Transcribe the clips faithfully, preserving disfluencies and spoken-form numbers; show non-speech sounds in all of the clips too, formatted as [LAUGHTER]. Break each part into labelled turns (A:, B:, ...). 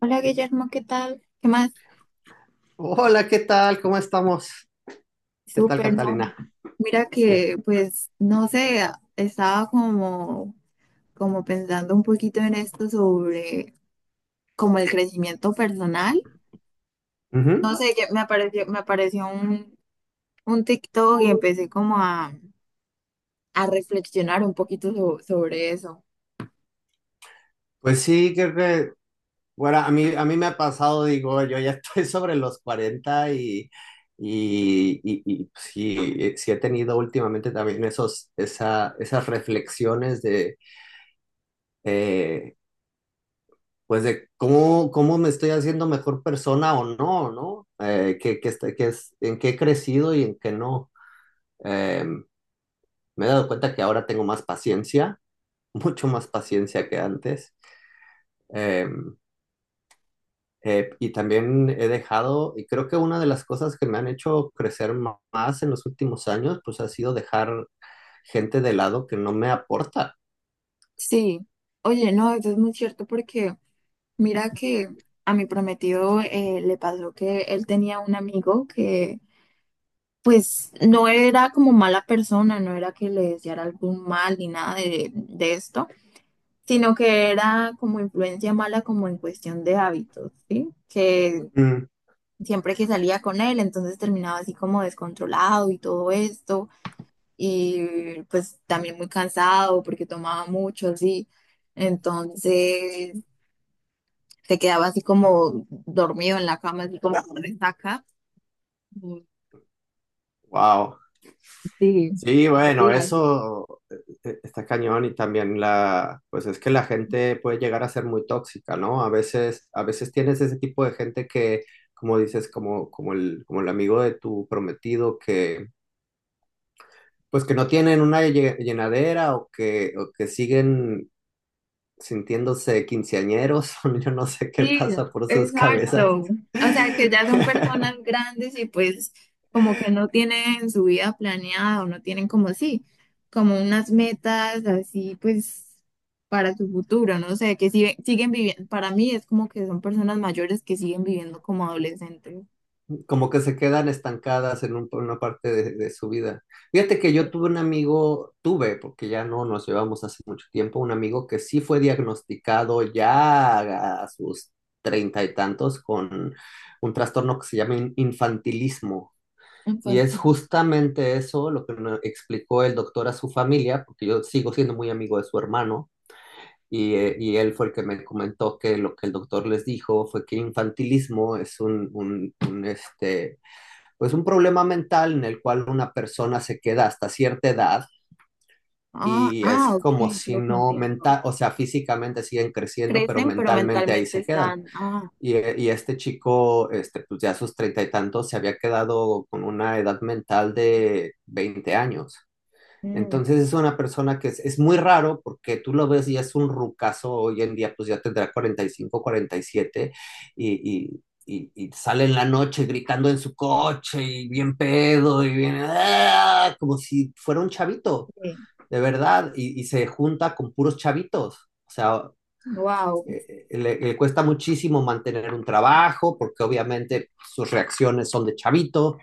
A: Hola Guillermo, ¿qué tal? ¿Qué más?
B: Hola, ¿qué tal? ¿Cómo estamos? ¿Qué tal,
A: Súper, ¿no?
B: Catalina?
A: Mira
B: Eh,
A: que pues no sé, estaba como, como pensando un poquito en esto sobre como el crecimiento personal. No
B: ujú.
A: sé, que me apareció, me apareció un, un TikTok y empecé como a, a reflexionar un poquito so- sobre eso.
B: Pues sí, creo que, bueno, a mí, a mí me ha pasado, digo, [LAUGHS] yo ya estoy sobre los cuarenta y, y, y, y pues, sí, eh, sí he tenido últimamente también esos, esa, esas reflexiones de, eh, pues de cómo, cómo me estoy haciendo mejor persona o no, ¿no? Eh, que, que, este- que es, en qué he crecido y en qué no. Em, Me he dado cuenta que ahora tengo más paciencia, [LAUGHS] mucho más paciencia que antes. Em, eh, y también he dejado, y creo que una de las cosas que me han hecho crecer ma- más en los últimos años, pues ha sido dejar gente de lado que no me aporta.
A: Sí, oye, no, eso es muy cierto porque mira que a mi prometido eh, le pasó que él tenía un amigo que pues no era como mala persona, no era que le deseara algún mal ni nada de, de esto, sino que era como influencia mala como en cuestión de hábitos, ¿sí? Que
B: Mm.
A: siempre que salía con él, entonces terminaba así como descontrolado y todo esto, y pues también muy cansado porque tomaba mucho, sí. Entonces se quedaba así como dormido en la cama, así como con resaca.
B: Wow.
A: Sí,
B: Sí,
A: por
B: bueno,
A: días.
B: eso eh, eh, está cañón y también la, pues es que la gente puede llegar a ser muy tóxica, ¿no? A veces, a veces tienes ese tipo de gente que, como dices, como, como el, como el amigo de tu prometido, que, pues que no tienen una lle- llenadera o que, o que siguen sintiéndose quinceañeros. [LAUGHS] Yo no sé qué
A: Sí,
B: pasa por sus cabezas.
A: exacto. O sea, que ya son personas
B: [LAUGHS]
A: grandes y pues como que no tienen su vida planeada o no tienen como sí, como unas metas así pues para su futuro, no sé, que sigue- siguen viviendo, para mí es como que son personas mayores que siguen viviendo como adolescentes
B: Como que se quedan estancadas en un- una parte de, de su vida. Fíjate que yo tuve un amigo, tuve, porque ya no nos llevamos hace mucho tiempo, un amigo que sí fue diagnosticado ya a sus treinta y tantos con un trastorno que se llama in- infantilismo. Y es
A: infantiles.
B: justamente eso lo que me explicó el doctor a su familia, porque yo sigo siendo muy amigo de su hermano. Y, eh, y él fue el que me comentó que lo que el doctor les dijo fue que infantilismo es un, un, un, este, pues un problema mental en el cual una persona se queda hasta cierta edad,
A: Ah,
B: y
A: ah,
B: es
A: ok,
B: como si
A: creo que
B: no
A: entiendo.
B: mental, o sea, físicamente siguen creciendo, pero
A: Crecen, pero
B: mentalmente ahí
A: mentalmente
B: se quedan.
A: están, ah,
B: Y, eh, y, este chico, este, pues ya a sus treinta y tantos, se había quedado con una edad mental de veinte años.
A: mm,
B: Entonces es una persona que es, es muy raro porque tú lo ves y es un rucazo hoy en día, pues ya tendrá cuarenta y cinco, cuarenta y siete y, siete y, y, y y sale en la noche gritando en su coche y bien pedo y bien, ¡ah!, como si fuera un chavito, de verdad, y, y se junta con puros chavitos. O sea,
A: wow,
B: eh, eh, le, le cuesta muchísimo mantener un trabajo porque obviamente sus reacciones son de chavito,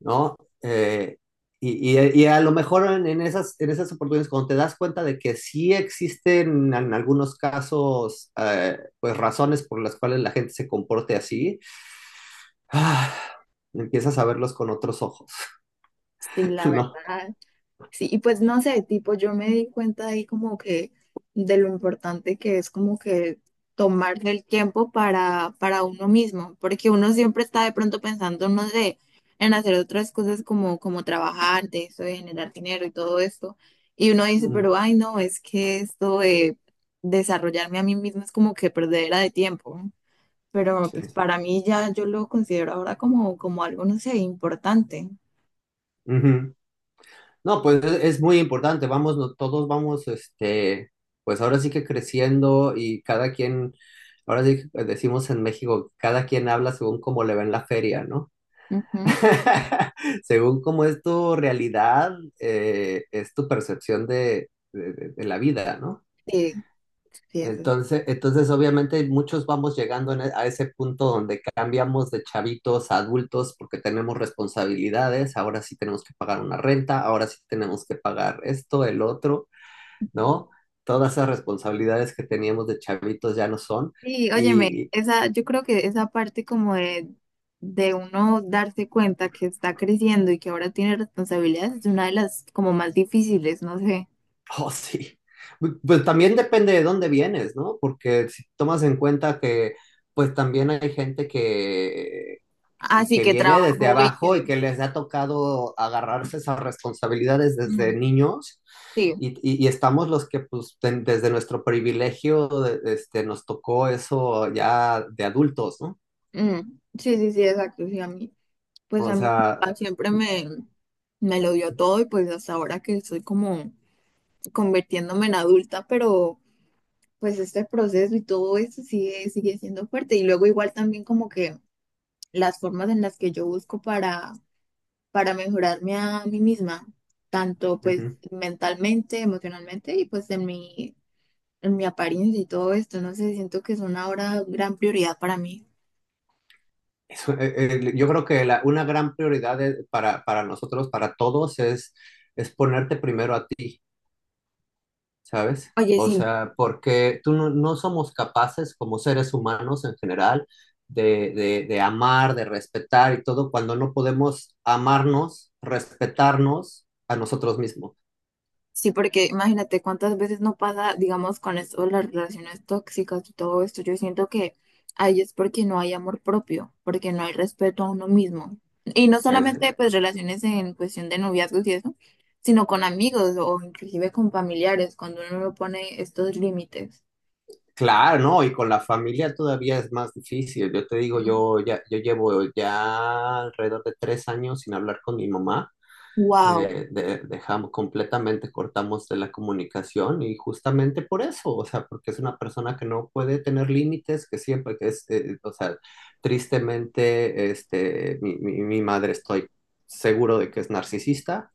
B: ¿no? Eh, y, y- y a lo mejor en, en esas, en esas oportunidades, cuando te das cuenta de que sí existen en algunos casos, eh, pues razones por las cuales la gente se comporte así, ah, empiezas a verlos con otros ojos,
A: sí,
B: [LAUGHS]
A: la
B: ¿no?
A: verdad. Sí, y pues no sé, tipo, yo me di cuenta ahí como que de lo importante que es como que tomarse el tiempo para, para uno mismo, porque uno siempre está de pronto pensando, no sé, en hacer otras cosas como, como trabajar de eso, de generar dinero y todo esto. Y uno dice,
B: Mm,
A: pero ay, no, es que esto de desarrollarme a mí mismo es como que perdera de tiempo. Pero
B: sí.
A: pues para mí ya yo lo considero ahora como, como algo, no sé, importante.
B: Ujú. No, pues es, es muy importante, vamos, no- todos vamos, este, pues ahora sí que creciendo y cada quien, ahora sí que decimos en México, cada quien habla según cómo le va en la feria, ¿no?
A: Ujú.
B: [LAUGHS] Según cómo es tu realidad, eh, es tu percepción de, de- de- de la vida, ¿no?
A: Sí, sí, eso.
B: Entonces, entonces obviamente muchos vamos llegando en e- a ese punto donde cambiamos de chavitos a adultos porque tenemos responsabilidades, ahora sí tenemos que pagar una renta, ahora sí tenemos que pagar esto, el otro, ¿no? Todas esas responsabilidades que teníamos de chavitos ya no son.
A: Sí, óyeme, esa, yo creo que esa parte como de, de uno darse cuenta que está creciendo y que ahora tiene responsabilidades es una de las como más difíciles, no sé.
B: [LAUGHS] Oh, sí. Pues también depende de dónde vienes, ¿no? Porque si tomas en cuenta que pues también hay gente que,
A: Así
B: que
A: que
B: viene desde
A: trabajo y
B: abajo
A: que...
B: y que les ha tocado agarrarse esas responsabilidades desde
A: mm,
B: niños,
A: sí,
B: y, y- y estamos los que pues de- desde nuestro privilegio de- este, nos tocó eso ya de adultos, ¿no?
A: mm, sí, sí, sí, exacto. Sí, a mí, pues
B: O
A: a mi
B: sea,
A: papá siempre me, me lo dio todo y pues hasta ahora que estoy como convirtiéndome en adulta, pero pues este proceso y todo eso sigue, sigue siendo fuerte. Y luego igual también como que las formas en las que yo busco para para mejorarme a mí misma, tanto pues
B: ujú.
A: mentalmente, emocionalmente y pues en mi, en mi apariencia y todo esto. No sé, siento que es una ahora gran prioridad para mí.
B: Eso, eh, eh, yo creo que la- una gran prioridad de- para, para nosotros, para todos, es, es ponerte primero a ti, ¿sabes?
A: Oye,
B: O
A: sí,
B: sea, porque tú no, no somos capaces como seres humanos en general de, de, de amar, de respetar y todo cuando no podemos amarnos, respetarnos a nosotros mismos.
A: sí, porque imagínate cuántas veces no pasa, digamos, con esto, las relaciones tóxicas y todo esto. Yo siento que ahí es porque no hay amor propio, porque no hay respeto a uno mismo. Y no
B: Es-
A: solamente pues relaciones en cuestión de noviazgos y eso, sino con amigos o inclusive con familiares, cuando uno no pone estos límites.
B: claro, ¿no? Y con la familia todavía es más difícil. Yo te digo, yo ya, yo llevo ya alrededor de tres años sin hablar con mi mamá.
A: Wow.
B: Eh, de- dejamos completamente, cortamos de la comunicación y justamente por eso, o sea, porque es una persona que no puede tener límites, que siempre que es, eh, o sea, tristemente, este, mi, mi- mi madre estoy seguro de que es narcisista,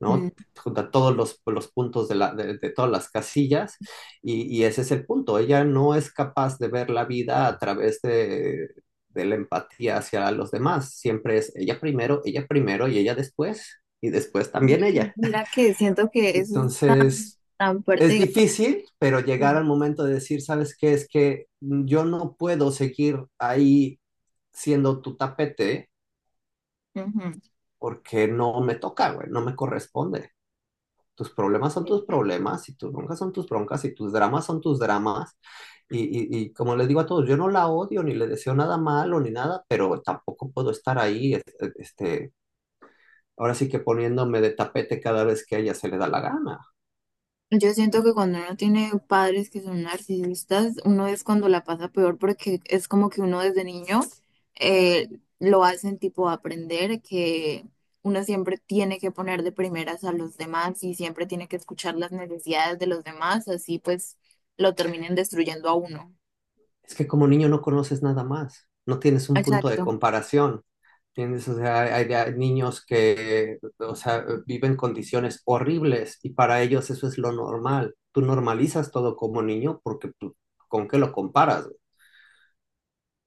B: ¿no? Junta todos los, los puntos de, la, de, de todas las casillas, y, y, ese es el punto. Ella no es capaz de ver la vida a través de, de la empatía hacia los demás. Siempre es ella primero, ella primero y ella después y después también ella.
A: Mira que siento que eso es tan,
B: Entonces,
A: tan fuerte,
B: es
A: digamos,
B: difícil, pero llegar
A: que,
B: al momento de decir, ¿sabes qué? Es que yo no puedo seguir ahí siendo tu tapete
A: ujú.
B: porque no me toca, güey, no me corresponde. Tus problemas son tus
A: Sí.
B: problemas y tus broncas son tus broncas y tus dramas son tus dramas. Y, y, y, como les digo a todos, yo no la odio ni le deseo nada malo ni nada, pero tampoco puedo estar ahí, este, ahora sí que poniéndome de tapete cada vez que a ella se le da la gana.
A: Yo siento que cuando uno tiene padres que son narcisistas, uno es cuando la pasa peor porque es como que uno desde niño eh, lo hacen tipo aprender que uno siempre tiene que poner de primeras a los demás y siempre tiene que escuchar las necesidades de los demás, así pues lo terminen destruyendo a uno.
B: Es que como niño no conoces nada más, no tienes un punto de
A: Exacto.
B: comparación. ¿Entiendes? O sea, hay, hay niños que, o sea, viven condiciones horribles y para ellos eso es lo normal. Tú normalizas todo como niño porque tú, ¿con qué lo comparas?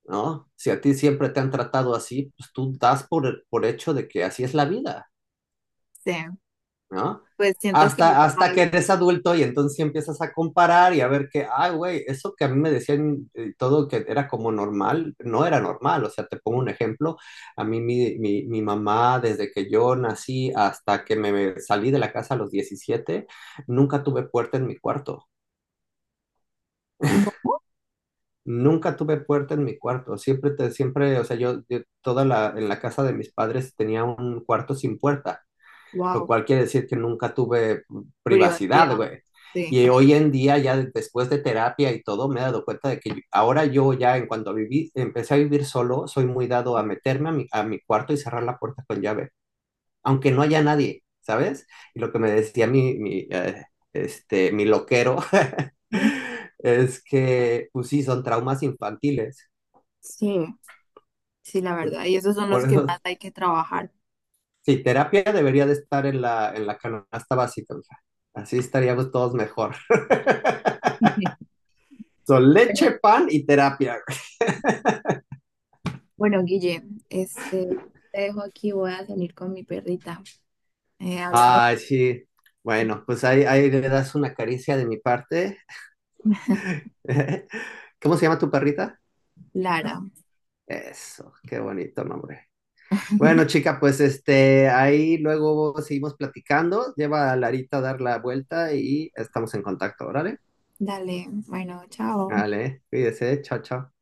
B: ¿No? Si a ti siempre te han tratado así, pues tú das por, por hecho de que así es la vida,
A: Sí,
B: ¿no?
A: pues siento que
B: Hasta,
A: por
B: hasta que
A: ahí
B: eres adulto y entonces sí empiezas a comparar y a ver que, ay, güey, eso que a mí me decían eh, todo que era como normal, no era normal. O sea, te pongo un ejemplo. A mí mi, mi, mi mamá, desde que yo nací hasta que me salí de la casa a los diecisiete nunca tuve puerta en mi cuarto.
A: no.
B: Nunca tuve puerta en mi cuarto, siempre, te, siempre, o sea, yo, yo toda la, en la casa de mis padres tenía un cuarto sin puerta, lo
A: Wow,
B: cual quiere decir que nunca tuve
A: privacidad,
B: privacidad, güey.
A: sí.
B: Y hoy en día, ya de- después de terapia y todo, me he dado cuenta de que yo- ahora yo ya, en cuanto viví, empecé a vivir solo, soy muy dado a meterme a mi, a mi cuarto y cerrar la puerta con llave, aunque no haya nadie, ¿sabes? Y lo que me decía mi, mi, eh, este, mi loquero
A: ¿Mm?
B: [LAUGHS] es que, pues sí, son traumas infantiles.
A: Sí, sí, la verdad. Y esos son
B: Por
A: los que más
B: eso,
A: hay que trabajar.
B: sí, terapia debería de estar en la, en la canasta básica, mija. Así estaríamos todos mejor. [LAUGHS]
A: [LAUGHS]
B: Son leche,
A: Bueno,
B: pan y terapia.
A: bueno, Guille, este, te dejo aquí, voy a salir con mi perrita. Eh, hablamos,
B: Ay, sí. Bueno, pues ahí, ahí le das una caricia de mi parte. [LAUGHS] ¿Cómo se llama tu perrita?
A: Lara.
B: Eso, qué bonito nombre. Bueno,
A: [LAUGHS]
B: chica, pues este, ahí luego seguimos platicando. Lleva a Larita a dar la vuelta y estamos en contacto, ¿vale?
A: Dale, bueno, chao.
B: Vale, cuídese, chao, chao.